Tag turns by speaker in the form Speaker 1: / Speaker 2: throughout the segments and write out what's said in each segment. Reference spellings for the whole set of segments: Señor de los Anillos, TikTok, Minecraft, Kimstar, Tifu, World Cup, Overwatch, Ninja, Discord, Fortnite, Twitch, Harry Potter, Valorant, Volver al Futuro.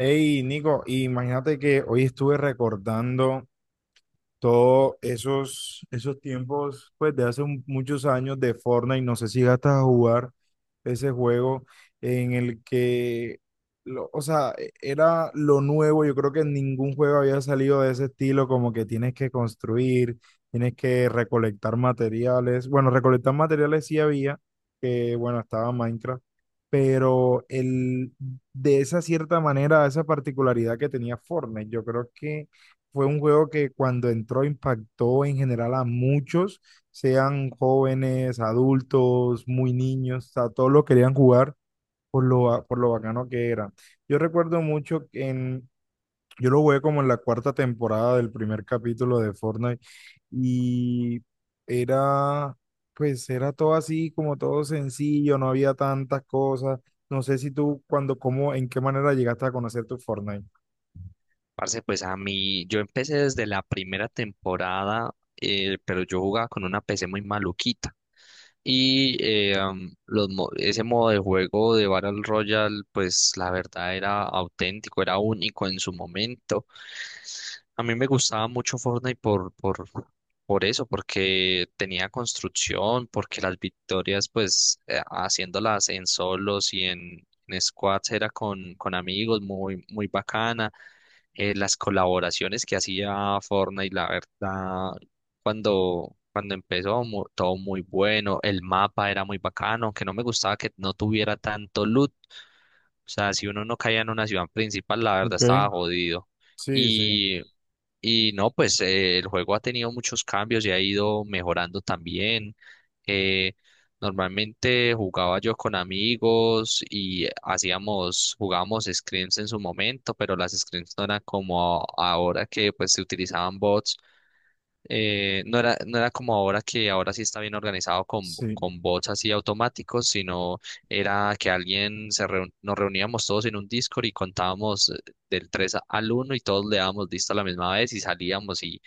Speaker 1: Nico, imagínate que hoy estuve recordando, todos esos tiempos, pues de hace muchos años de Fortnite. No sé si gastas a jugar ese juego en el que, o sea, era lo nuevo. Yo creo que ningún juego había salido de ese estilo, como que tienes que construir, tienes que recolectar materiales. Bueno, recolectar materiales sí había, que bueno, estaba Minecraft, pero el, de esa cierta manera, esa particularidad que tenía Fortnite, yo creo que fue un juego que cuando entró impactó en general a muchos, sean jóvenes, adultos, muy niños, o sea, todos lo querían jugar por por lo bacano que era. Yo recuerdo mucho yo lo jugué como en la cuarta temporada del primer capítulo de Fortnite. Y era, pues era todo así, como todo sencillo, no había tantas cosas. No sé si tú, cuando, cómo, en qué manera llegaste a conocer tu Fortnite.
Speaker 2: Parce, pues a mí, yo empecé desde la primera temporada, pero yo jugaba con una PC muy maluquita. Y ese modo de juego de Battle Royale, pues la verdad era auténtico, era único en su momento. A mí me gustaba mucho Fortnite por eso, porque tenía construcción, porque las victorias, pues haciéndolas en solos y en squads era con amigos, muy, muy bacana. Las colaboraciones que hacía Fortnite, la verdad, cuando empezó, todo muy bueno, el mapa era muy bacano, aunque no me gustaba que no tuviera tanto loot, o sea, si uno no caía en una ciudad principal, la verdad
Speaker 1: Ok,
Speaker 2: estaba jodido.
Speaker 1: sí, sí.
Speaker 2: Y, y no, pues el juego ha tenido muchos cambios y ha ido mejorando también. Eh, normalmente jugaba yo con amigos y jugábamos scrims en su momento, pero las scrims no eran como ahora que pues se utilizaban bots. No era como ahora que ahora sí está bien organizado
Speaker 1: Sí.
Speaker 2: con bots así automáticos, sino era que nos reuníamos todos en un Discord y contábamos del 3 a- al uno, y todos le dábamos lista a la misma vez y salíamos, y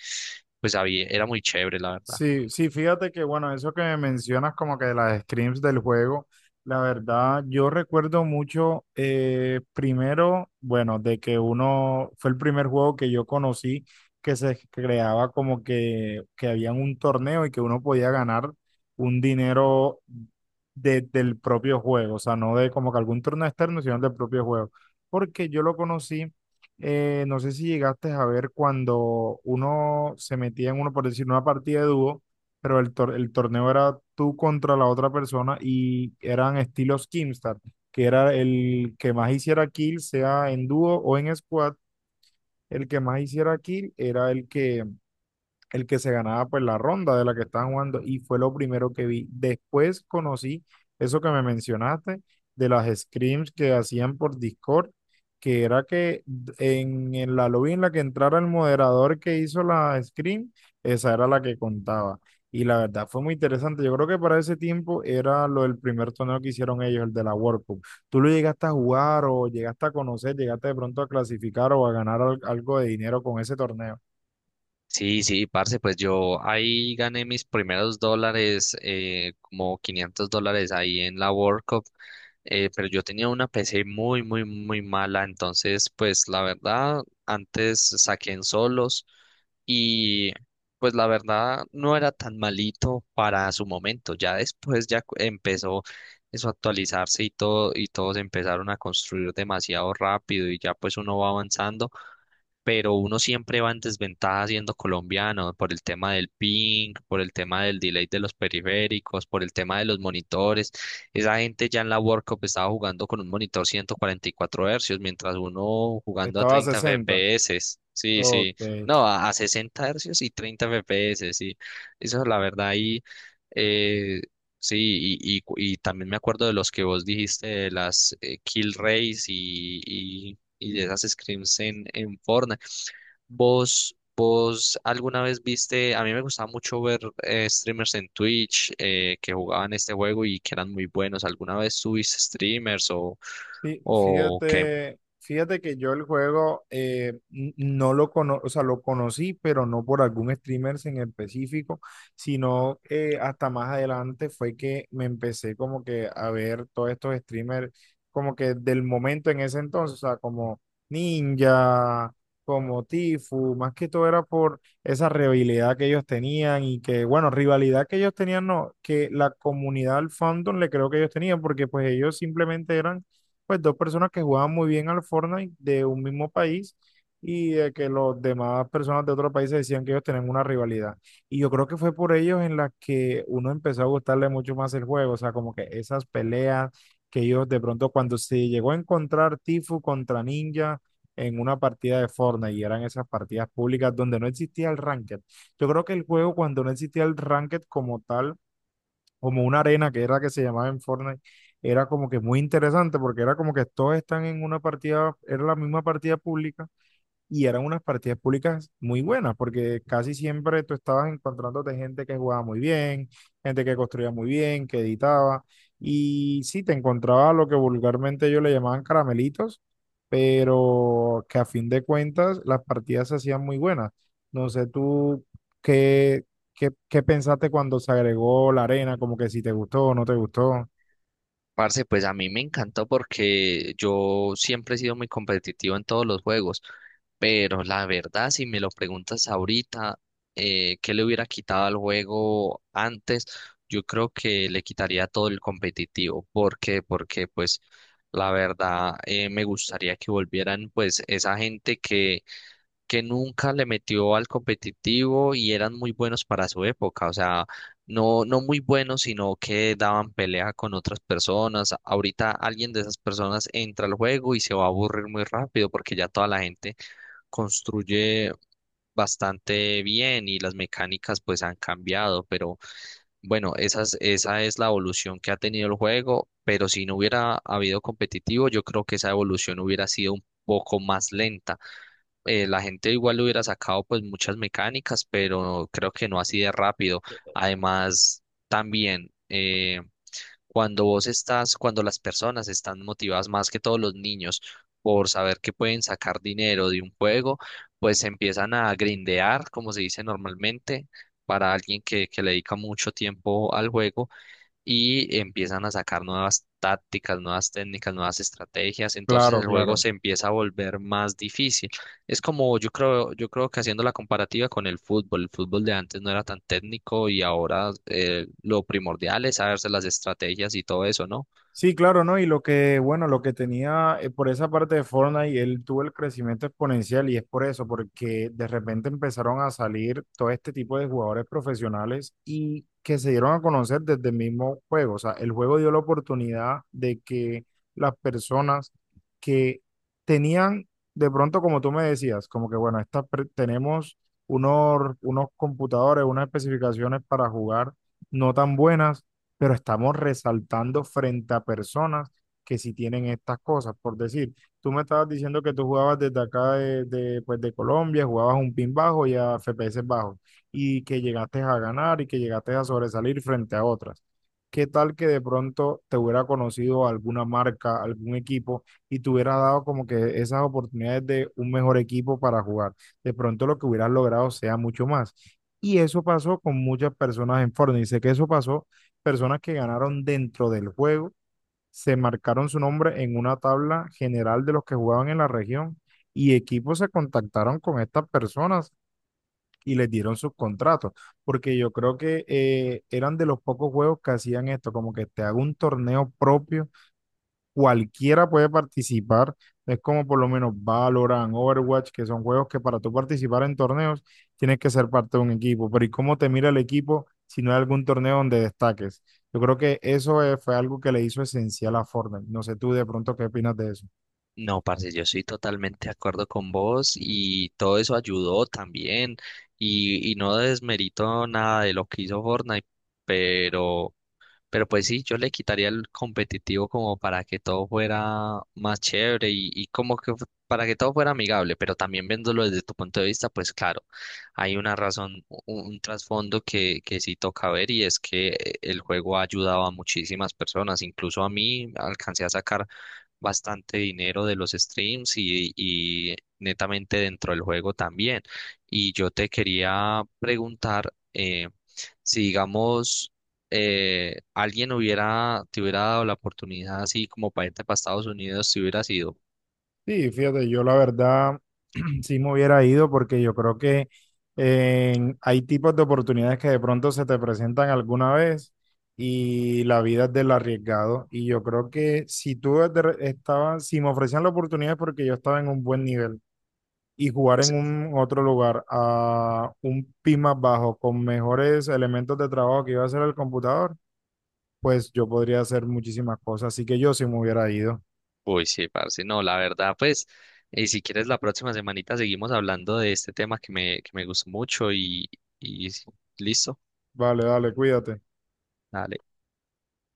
Speaker 2: pues había, era muy chévere, la verdad.
Speaker 1: Sí, sí, fíjate que bueno, eso que me mencionas como que de las scrims del juego, la verdad yo recuerdo mucho, primero, bueno, de que uno fue el primer juego que yo conocí que se creaba como que había un torneo y que uno podía ganar un dinero del propio juego, o sea, no de como que algún torneo externo, sino del propio juego, porque yo lo conocí. No sé si llegaste a ver cuando uno se metía en uno, por decir, una partida de dúo, pero el torneo era tú contra la otra persona y eran estilos Kimstar, que era el que más hiciera kill, sea en dúo o en squad, el que más hiciera kill era el que se ganaba pues la ronda de la que estaban jugando y fue lo primero que vi. Después conocí eso que me mencionaste de las scrims que hacían por Discord, que era que en la lobby en la que entrara el moderador que hizo la scrim, esa era la que contaba. Y la verdad fue muy interesante. Yo creo que para ese tiempo era lo del primer torneo que hicieron ellos, el de la World Cup. ¿Tú lo llegaste a jugar o llegaste a conocer, llegaste de pronto a clasificar o a ganar algo de dinero con ese torneo?
Speaker 2: Sí, sí, parce, pues yo ahí gané mis primeros dólares, como $500 ahí en la World Cup. Pero yo tenía una PC muy, muy, muy mala, entonces pues la verdad, antes saqué en solos, y pues la verdad no era tan malito para su momento. Ya después empezó eso a actualizarse y todo, y todos empezaron a construir demasiado rápido, y ya pues uno va avanzando, pero uno siempre va en desventaja siendo colombiano por el tema del ping, por el tema del delay de los periféricos, por el tema de los monitores. Esa gente ya en la World Cup estaba jugando con un monitor 144 hercios, mientras uno jugando a
Speaker 1: Estaba a
Speaker 2: 30
Speaker 1: 60.
Speaker 2: FPS. Sí,
Speaker 1: Ok.
Speaker 2: sí, no, a 60 hercios y 30 FPS, sí. Eso es la verdad ahí. eh, Sí, y también me acuerdo de los que vos dijiste, de las kill race, y de esas scrims en Fortnite. Vos alguna vez viste? A mí me gustaba mucho ver streamers en Twitch que jugaban este juego y que eran muy buenos. ¿Alguna vez tuviste streamers
Speaker 1: Sí,
Speaker 2: o qué?
Speaker 1: fíjate, fíjate que yo el juego no lo cono, o sea, lo conocí, pero no por algún streamer en específico, sino hasta más adelante fue que me empecé como que a ver todos estos streamers como que del momento en ese entonces, o sea, como Ninja, como Tifu, más que todo era por esa rivalidad que ellos tenían y que, bueno, rivalidad que ellos tenían, no, que la comunidad al fandom le creo que ellos tenían, porque pues ellos simplemente eran pues dos personas que jugaban muy bien al Fortnite de un mismo país y de que los demás personas de otros países decían que ellos tenían una rivalidad. Y yo creo que fue por ellos en las que uno empezó a gustarle mucho más el juego, o sea, como que esas peleas que ellos de pronto cuando se llegó a encontrar Tifu contra Ninja en una partida de Fortnite y eran esas partidas públicas donde no existía el ranked. Yo creo que el juego cuando no existía el ranked como tal, como una arena que era que se llamaba en Fortnite, era como que muy interesante porque era como que todos están en una partida, era la misma partida pública y eran unas partidas públicas muy buenas, porque casi siempre tú estabas encontrándote gente que jugaba muy bien, gente que construía muy bien, que editaba, y sí, te encontraba lo que vulgarmente ellos le llamaban caramelitos, pero que a fin de cuentas las partidas se hacían muy buenas. No sé tú qué, qué pensaste cuando se agregó la arena, como que si te gustó o no te gustó.
Speaker 2: Parce, pues a mí me encantó porque yo siempre he sido muy competitivo en todos los juegos, pero la verdad, si me lo preguntas ahorita, ¿qué le hubiera quitado al juego antes? Yo creo que le quitaría todo el competitivo. ¿Por qué? Porque pues la verdad me gustaría que volvieran pues esa gente que nunca le metió al competitivo y eran muy buenos para su época, o sea, no, no muy buenos, sino que daban pelea con otras personas. Ahorita alguien de esas personas entra al juego y se va a aburrir muy rápido porque ya toda la gente construye bastante bien y las mecánicas pues han cambiado, pero bueno, esa es la evolución que ha tenido el juego, pero si no hubiera habido competitivo, yo creo que esa evolución hubiera sido un poco más lenta. La gente igual le hubiera sacado pues muchas mecánicas, pero creo que no así de rápido. Además, también cuando las personas están motivadas, más que todos los niños, por saber que pueden sacar dinero de un juego, pues empiezan a grindear, como se dice normalmente. Para alguien que le dedica mucho tiempo al juego, y empiezan a sacar nuevas tácticas, nuevas técnicas, nuevas estrategias, entonces
Speaker 1: Claro,
Speaker 2: el juego
Speaker 1: claro.
Speaker 2: se empieza a volver más difícil. Es como yo creo que haciendo la comparativa con el fútbol de antes no era tan técnico, y ahora lo primordial es saberse las estrategias y todo eso, ¿no?
Speaker 1: Sí, claro, ¿no? Y lo que, bueno, lo que tenía por esa parte de Fortnite, él tuvo el crecimiento exponencial y es por eso, porque de repente empezaron a salir todo este tipo de jugadores profesionales y que se dieron a conocer desde el mismo juego. O sea, el juego dio la oportunidad de que las personas que tenían, de pronto, como tú me decías, como que, bueno, tenemos unos computadores, unas especificaciones para jugar no tan buenas, pero estamos resaltando frente a personas que sí tienen estas cosas. Por decir, tú me estabas diciendo que tú jugabas desde acá pues de Colombia, jugabas un pin bajo y a FPS bajos, y que llegaste a ganar y que llegaste a sobresalir frente a otras. ¿Qué tal que de pronto te hubiera conocido alguna marca, algún equipo y te hubiera dado como que esas oportunidades de un mejor equipo para jugar? De pronto lo que hubieras logrado sea mucho más. Y eso pasó con muchas personas en Fortnite. Y sé que eso pasó, personas que ganaron dentro del juego se marcaron su nombre en una tabla general de los que jugaban en la región y equipos se contactaron con estas personas y les dieron sus contratos, porque yo creo que eran de los pocos juegos que hacían esto, como que te hago un torneo propio, cualquiera puede participar. Es como por lo menos Valorant, Overwatch, que son juegos que para tú participar en torneos tienes que ser parte de un equipo. Pero ¿y cómo te mira el equipo si no hay algún torneo donde destaques? Yo creo que eso fue algo que le hizo esencial a Fortnite. No sé tú de pronto qué opinas de eso.
Speaker 2: No, parce, yo estoy totalmente de acuerdo con vos, y todo eso ayudó también, y no desmerito nada de lo que hizo Fortnite, pero Pero pues sí, yo le quitaría el competitivo como para que todo fuera más chévere, y como que para que todo fuera amigable, pero también viéndolo desde tu punto de vista, pues claro, hay una razón, trasfondo que sí toca ver, y es que el juego ha ayudado a muchísimas personas, incluso a mí alcancé a sacar bastante dinero de los streams, y netamente dentro del juego también. Y yo te quería preguntar... si digamos alguien te hubiera dado la oportunidad así como para irte para Estados Unidos, te hubiera sido.
Speaker 1: Sí, fíjate, yo la verdad sí me hubiera ido porque yo creo que hay tipos de oportunidades que de pronto se te presentan alguna vez y la vida es del arriesgado. Y yo creo que si tú desde estabas, si me ofrecían la oportunidad es porque yo estaba en un buen nivel y jugar en un otro lugar a un PIB más bajo con mejores elementos de trabajo que iba a hacer el computador, pues yo podría hacer muchísimas cosas. Así que yo sí me hubiera ido.
Speaker 2: Uy, sí, parce, no, la verdad, pues, si quieres la próxima semanita seguimos hablando de este tema que me gustó mucho, y sí, listo,
Speaker 1: Vale, dale, cuídate.
Speaker 2: dale.